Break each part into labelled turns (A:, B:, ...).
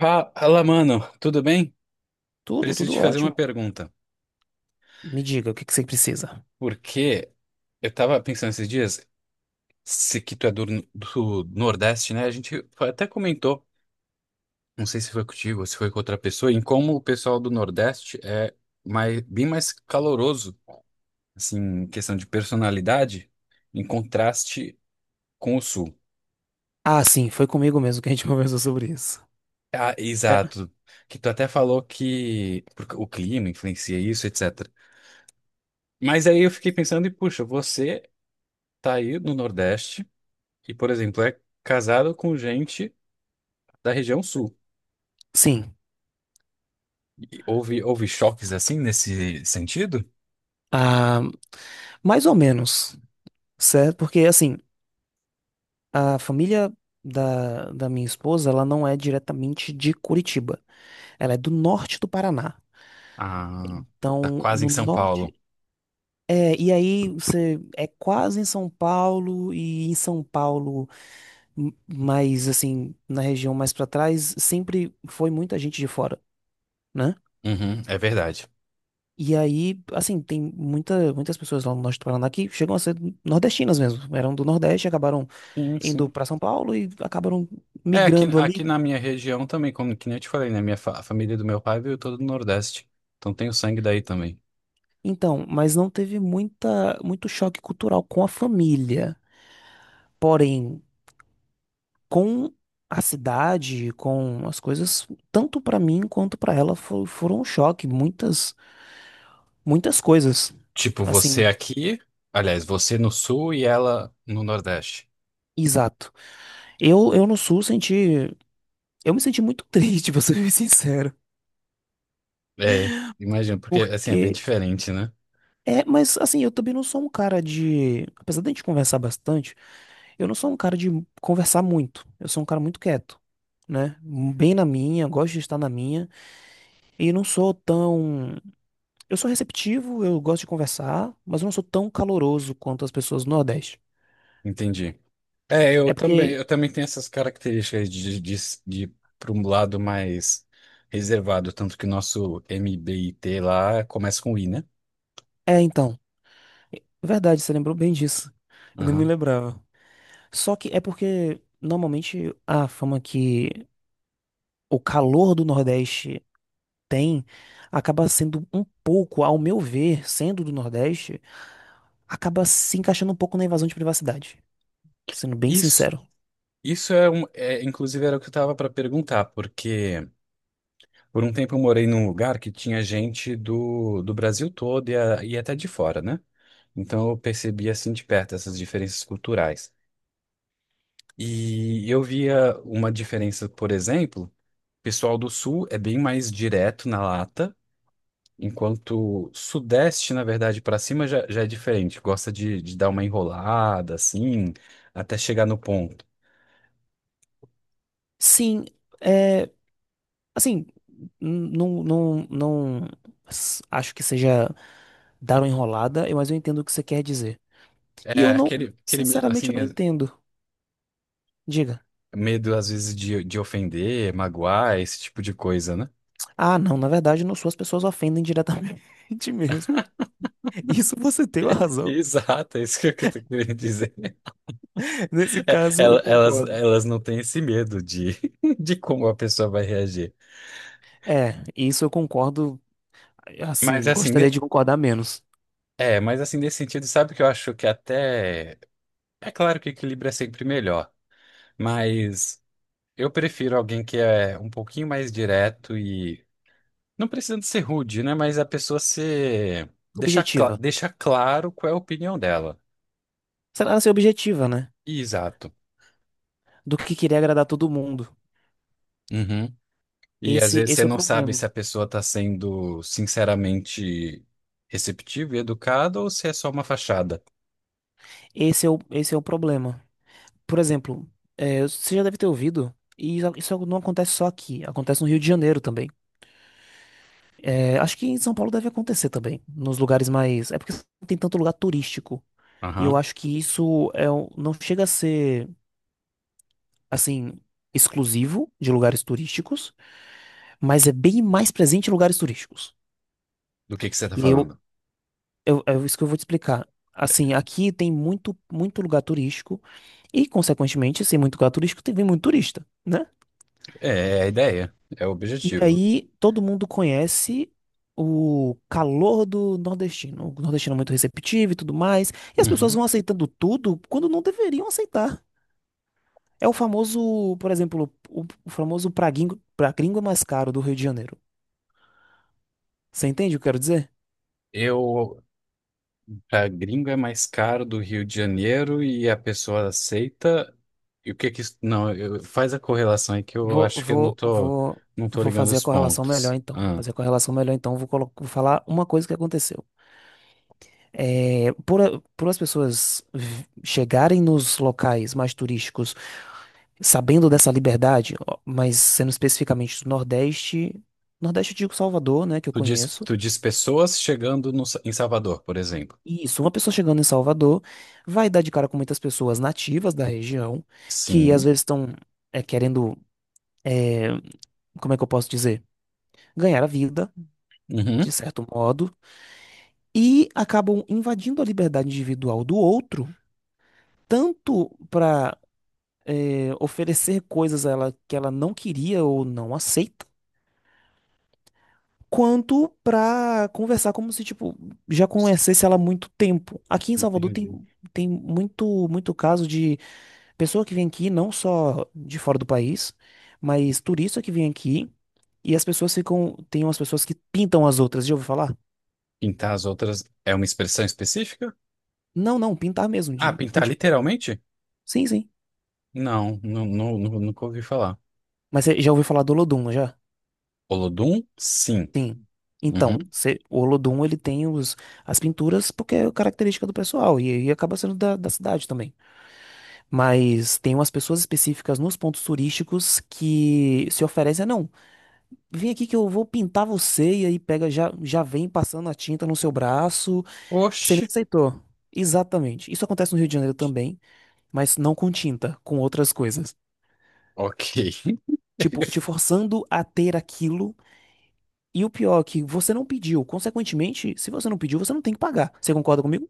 A: Fala, mano, tudo bem?
B: Tudo,
A: Preciso
B: tudo
A: te fazer uma
B: ótimo.
A: pergunta.
B: Me diga, o que que você precisa?
A: Porque eu tava pensando esses dias, se que tu é do Nordeste, né? A gente até comentou, não sei se foi contigo ou se foi com outra pessoa, em como o pessoal do Nordeste é bem mais caloroso, assim, em questão de personalidade, em contraste com o Sul.
B: Ah, sim, foi comigo mesmo que a gente conversou sobre isso.
A: Ah,
B: É,
A: exato. Que tu até falou que porque o clima influencia isso, etc. Mas aí eu fiquei pensando, e puxa, você tá aí no Nordeste. E, por exemplo, é casado com gente da região sul.
B: sim.
A: E houve choques assim nesse sentido?
B: Ah, mais ou menos, certo? Porque, assim, a família da minha esposa, ela não é diretamente de Curitiba. Ela é do norte do Paraná.
A: Ah, tá
B: Então,
A: quase em
B: no
A: São Paulo.
B: norte. É, e aí você é quase em São Paulo e em São Paulo, mas assim, na região mais pra trás, sempre foi muita gente de fora, né?
A: Uhum, é verdade.
B: E aí, assim, tem muita, muitas pessoas lá no norte do Paraná que chegam a ser nordestinas mesmo. Eram do Nordeste, acabaram
A: Sim,
B: indo
A: sim.
B: pra São Paulo e acabaram
A: É,
B: migrando
A: aqui
B: ali.
A: na minha região também, como que nem eu te falei, né? Minha a família do meu pai veio toda do Nordeste. Então tem o sangue daí também.
B: Então, mas não teve muita, muito choque cultural com a família. Porém, com a cidade, com as coisas, tanto pra mim quanto pra ela foram um choque, muitas muitas coisas.
A: Tipo, você
B: Assim,
A: aqui, aliás, você no sul e ela no Nordeste.
B: exato. Eu no sul senti, eu me senti muito triste, pra ser bem sincero,
A: É, imagino, porque assim é bem
B: porque
A: diferente, né?
B: é, mas assim, eu também não sou um cara de, apesar de a gente conversar bastante, eu não sou um cara de conversar muito. Eu sou um cara muito quieto, né? Bem na minha, gosto de estar na minha. E não sou tão. Eu sou receptivo, eu gosto de conversar, mas eu não sou tão caloroso quanto as pessoas do Nordeste.
A: Entendi. É,
B: É porque.
A: eu também tenho essas características de, para um lado mais reservado, tanto que o nosso MBIT lá começa com I, né?
B: É, então. É verdade, você lembrou bem disso. Eu não me
A: Aham.
B: lembrava. Só que é porque, normalmente, a fama que o calor do Nordeste tem acaba sendo um pouco, ao meu ver, sendo do Nordeste, acaba se encaixando um pouco na invasão de privacidade. Sendo bem
A: Isso,
B: sincero.
A: isso é é, inclusive era o que eu tava para perguntar, porque por um tempo eu morei num lugar que tinha gente do Brasil todo e, e até de fora, né? Então eu percebi assim de perto essas diferenças culturais. E eu via uma diferença, por exemplo. Pessoal do Sul é bem mais direto na lata, enquanto Sudeste, na verdade, para cima já, já é diferente. Gosta de dar uma enrolada, assim, até chegar no ponto.
B: Sim, é. Assim, não, não, não acho que seja dar uma enrolada, mas eu entendo o que você quer dizer. E
A: É
B: eu não,
A: aquele medo,
B: sinceramente, eu
A: assim,
B: não entendo. Diga.
A: medo às vezes de ofender, magoar, esse tipo de coisa, né?
B: Ah, não, na verdade, não sou, as pessoas ofendem diretamente mesmo. Isso você tem uma razão.
A: Exato, é isso que eu tô querendo dizer.
B: Nesse
A: É,
B: caso, eu concordo.
A: elas não têm esse medo de, de como a pessoa vai reagir.
B: É, isso eu concordo,
A: Mas
B: assim,
A: assim, ne-
B: gostaria de concordar menos.
A: é, mas assim, nesse sentido, sabe o que eu acho que até. É claro que equilíbrio é sempre melhor, mas eu prefiro alguém que é um pouquinho mais direto e não precisando ser rude, né? Mas a pessoa ser
B: Objetiva.
A: deixar claro qual é a opinião dela.
B: Será ser objetiva, né?
A: Exato.
B: Do que querer agradar todo mundo.
A: Uhum. E às
B: Esse,
A: vezes
B: esse
A: você
B: é o
A: não sabe
B: problema.
A: se a pessoa está sendo sinceramente receptiva e educada ou se é só uma fachada.
B: Esse é o problema. Por exemplo, é, você já deve ter ouvido, e isso não acontece só aqui, acontece no Rio de Janeiro também. É, acho que em São Paulo deve acontecer também, nos lugares mais. É porque não tem tanto lugar turístico. E eu
A: Aham.
B: acho que isso é, não chega a ser, assim, exclusivo de lugares turísticos, mas é bem mais presente em lugares turísticos.
A: Do que você está
B: E aí eu,
A: falando?
B: eu, é isso que eu vou te explicar. Assim, aqui tem muito, muito lugar turístico, e, consequentemente, sem muito lugar turístico, tem vem muito turista, né?
A: É, é a ideia, é o
B: E
A: objetivo.
B: aí todo mundo conhece o calor do nordestino. O nordestino é muito receptivo e tudo mais. E as pessoas
A: Uhum.
B: vão aceitando tudo quando não deveriam aceitar. É o famoso, por exemplo, o famoso pra gringo é mais caro do Rio de Janeiro. Você entende o que eu quero dizer?
A: Eu pra gringo é mais caro do Rio de Janeiro e a pessoa aceita. E o que que isso. Não, faz a correlação aí que eu
B: Vou,
A: acho que eu não
B: vou,
A: tô,
B: vou,
A: não tô
B: vou
A: ligando
B: fazer a
A: os
B: correlação melhor
A: pontos.
B: então. Vou
A: Ah,
B: fazer a correlação melhor então. Vou falar uma coisa que aconteceu. É, por as pessoas chegarem nos locais mais turísticos sabendo dessa liberdade, ó, mas sendo especificamente do Nordeste, Nordeste eu digo Salvador, né, que eu conheço.
A: tu diz pessoas chegando no em Salvador, por exemplo.
B: E isso, uma pessoa chegando em Salvador vai dar de cara com muitas pessoas nativas da região que às
A: Sim.
B: vezes estão é, querendo, é, como é que eu posso dizer, ganhar a vida, de
A: Uhum.
B: certo modo, e acabam invadindo a liberdade individual do outro, tanto para oferecer coisas a ela que ela não queria ou não aceita quanto pra conversar como se, tipo, já conhecesse ela há muito tempo. Aqui em Salvador
A: Entendi.
B: tem muito, muito caso de pessoa que vem aqui, não só de fora do país, mas turista que vem aqui e as pessoas ficam. Tem umas pessoas que pintam as outras, já ouviu falar?
A: Pintar as outras é uma expressão específica?
B: Não, não, pintar mesmo,
A: Ah,
B: de, com
A: pintar
B: tinta.
A: literalmente?
B: Sim, sim.
A: Não, nunca ouvi falar.
B: Mas você já ouviu falar do Olodum, não já?
A: Olodum? Sim.
B: Sim. Então,
A: Uhum.
B: o Olodum, ele tem os, as pinturas porque é característica do pessoal e acaba sendo da cidade também. Mas tem umas pessoas específicas nos pontos turísticos que se oferecem, "Ah, não, vem aqui que eu vou pintar você", e aí pega, já, já vem passando a tinta no seu braço. Você nem
A: Oxe,
B: aceitou. Exatamente. Isso acontece no Rio de Janeiro também, mas não com tinta, com outras coisas.
A: ok.
B: Tipo, te forçando a ter aquilo. E o pior é que você não pediu. Consequentemente, se você não pediu, você não tem que pagar. Você concorda comigo?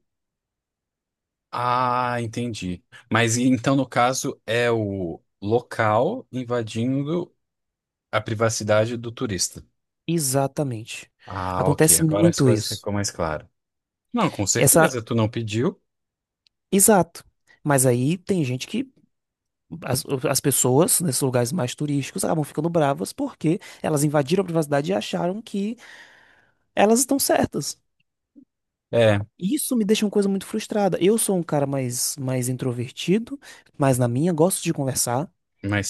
A: Ah, entendi. Mas então, no caso, é o local invadindo a privacidade do turista.
B: Exatamente.
A: Ah, ok.
B: Acontece
A: Agora as
B: muito
A: coisas
B: isso.
A: ficam mais claras. Não, com
B: Essa.
A: certeza, tu não pediu.
B: Exato. Mas aí tem gente que. As, as pessoas nesses lugares mais turísticos acabam ficando bravas porque elas invadiram a privacidade e acharam que elas estão certas.
A: É,
B: Isso me deixa uma coisa muito frustrada. Eu sou um cara mais introvertido, mas na minha gosto de conversar,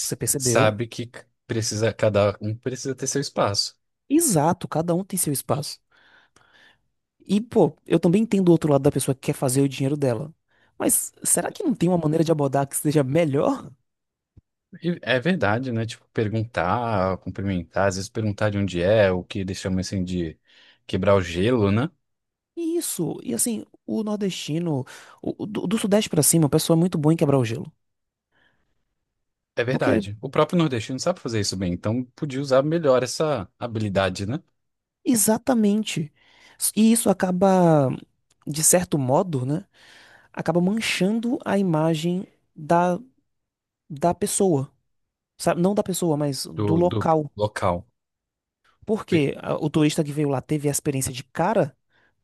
B: você percebeu?
A: sabe que precisa, cada um precisa ter seu espaço.
B: Exato, cada um tem seu espaço. E, pô, eu também entendo o outro lado da pessoa que quer fazer o dinheiro dela. Mas será que não tem uma maneira de abordar que seja melhor?
A: E é verdade, né? Tipo, perguntar, cumprimentar, às vezes perguntar de onde é, o que eles chamam assim de quebrar o gelo, né?
B: Isso, e assim, o nordestino, o do sudeste pra cima, o pessoal é muito bom em quebrar o gelo.
A: É
B: Porque.
A: verdade. O próprio nordestino sabe fazer isso bem, então podia usar melhor essa habilidade, né?
B: Exatamente. E isso acaba, de certo modo, né? Acaba manchando a imagem da, da pessoa. Sabe? Não da pessoa, mas do
A: Do do
B: local.
A: local.
B: Porque o turista que veio lá teve a experiência de cara,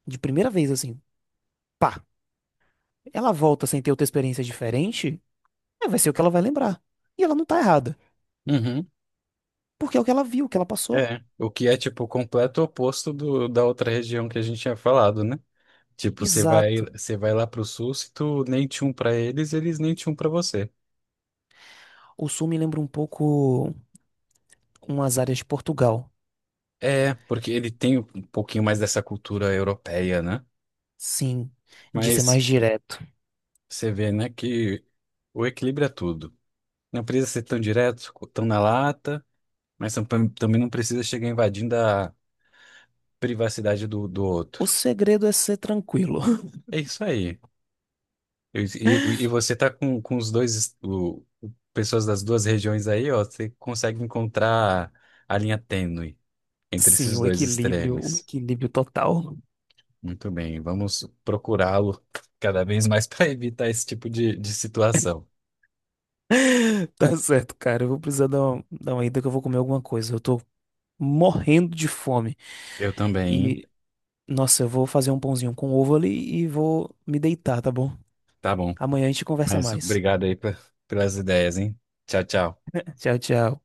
B: de primeira vez, assim, pá, ela volta sem ter outra experiência diferente, é, vai ser o que ela vai lembrar. E ela não tá errada.
A: Uhum,
B: Porque é o que ela viu, o que ela passou.
A: é. O que é, tipo, o completo oposto do, da outra região que a gente tinha falado, né? Tipo,
B: Exato.
A: você vai lá pro sul, se tu nem tinha um pra eles, eles nem tinham um pra você.
B: O sul me lembra um pouco umas áreas de Portugal.
A: É, porque ele tem um pouquinho mais dessa cultura europeia, né?
B: Sim, de ser mais
A: Mas
B: direto.
A: você vê, né, que o equilíbrio é tudo. Não precisa ser tão direto, tão na lata, mas também não precisa chegar invadindo a privacidade do
B: O
A: outro.
B: segredo é ser tranquilo.
A: É isso aí. E, e você tá com os dois, pessoas das duas regiões aí, ó, você consegue encontrar a linha tênue entre
B: Sim,
A: esses dois
B: o
A: extremos.
B: equilíbrio total.
A: Muito bem, vamos procurá-lo cada vez mais para evitar esse tipo de situação.
B: Tá certo, cara. Eu vou precisar dar uma ida que eu vou comer alguma coisa. Eu tô morrendo de fome.
A: Eu também, hein?
B: E, nossa, eu vou fazer um pãozinho com ovo ali e vou me deitar, tá bom?
A: Tá bom.
B: Amanhã a gente conversa
A: Mas
B: mais.
A: obrigado aí pelas ideias, hein? Tchau, tchau.
B: Tchau, tchau.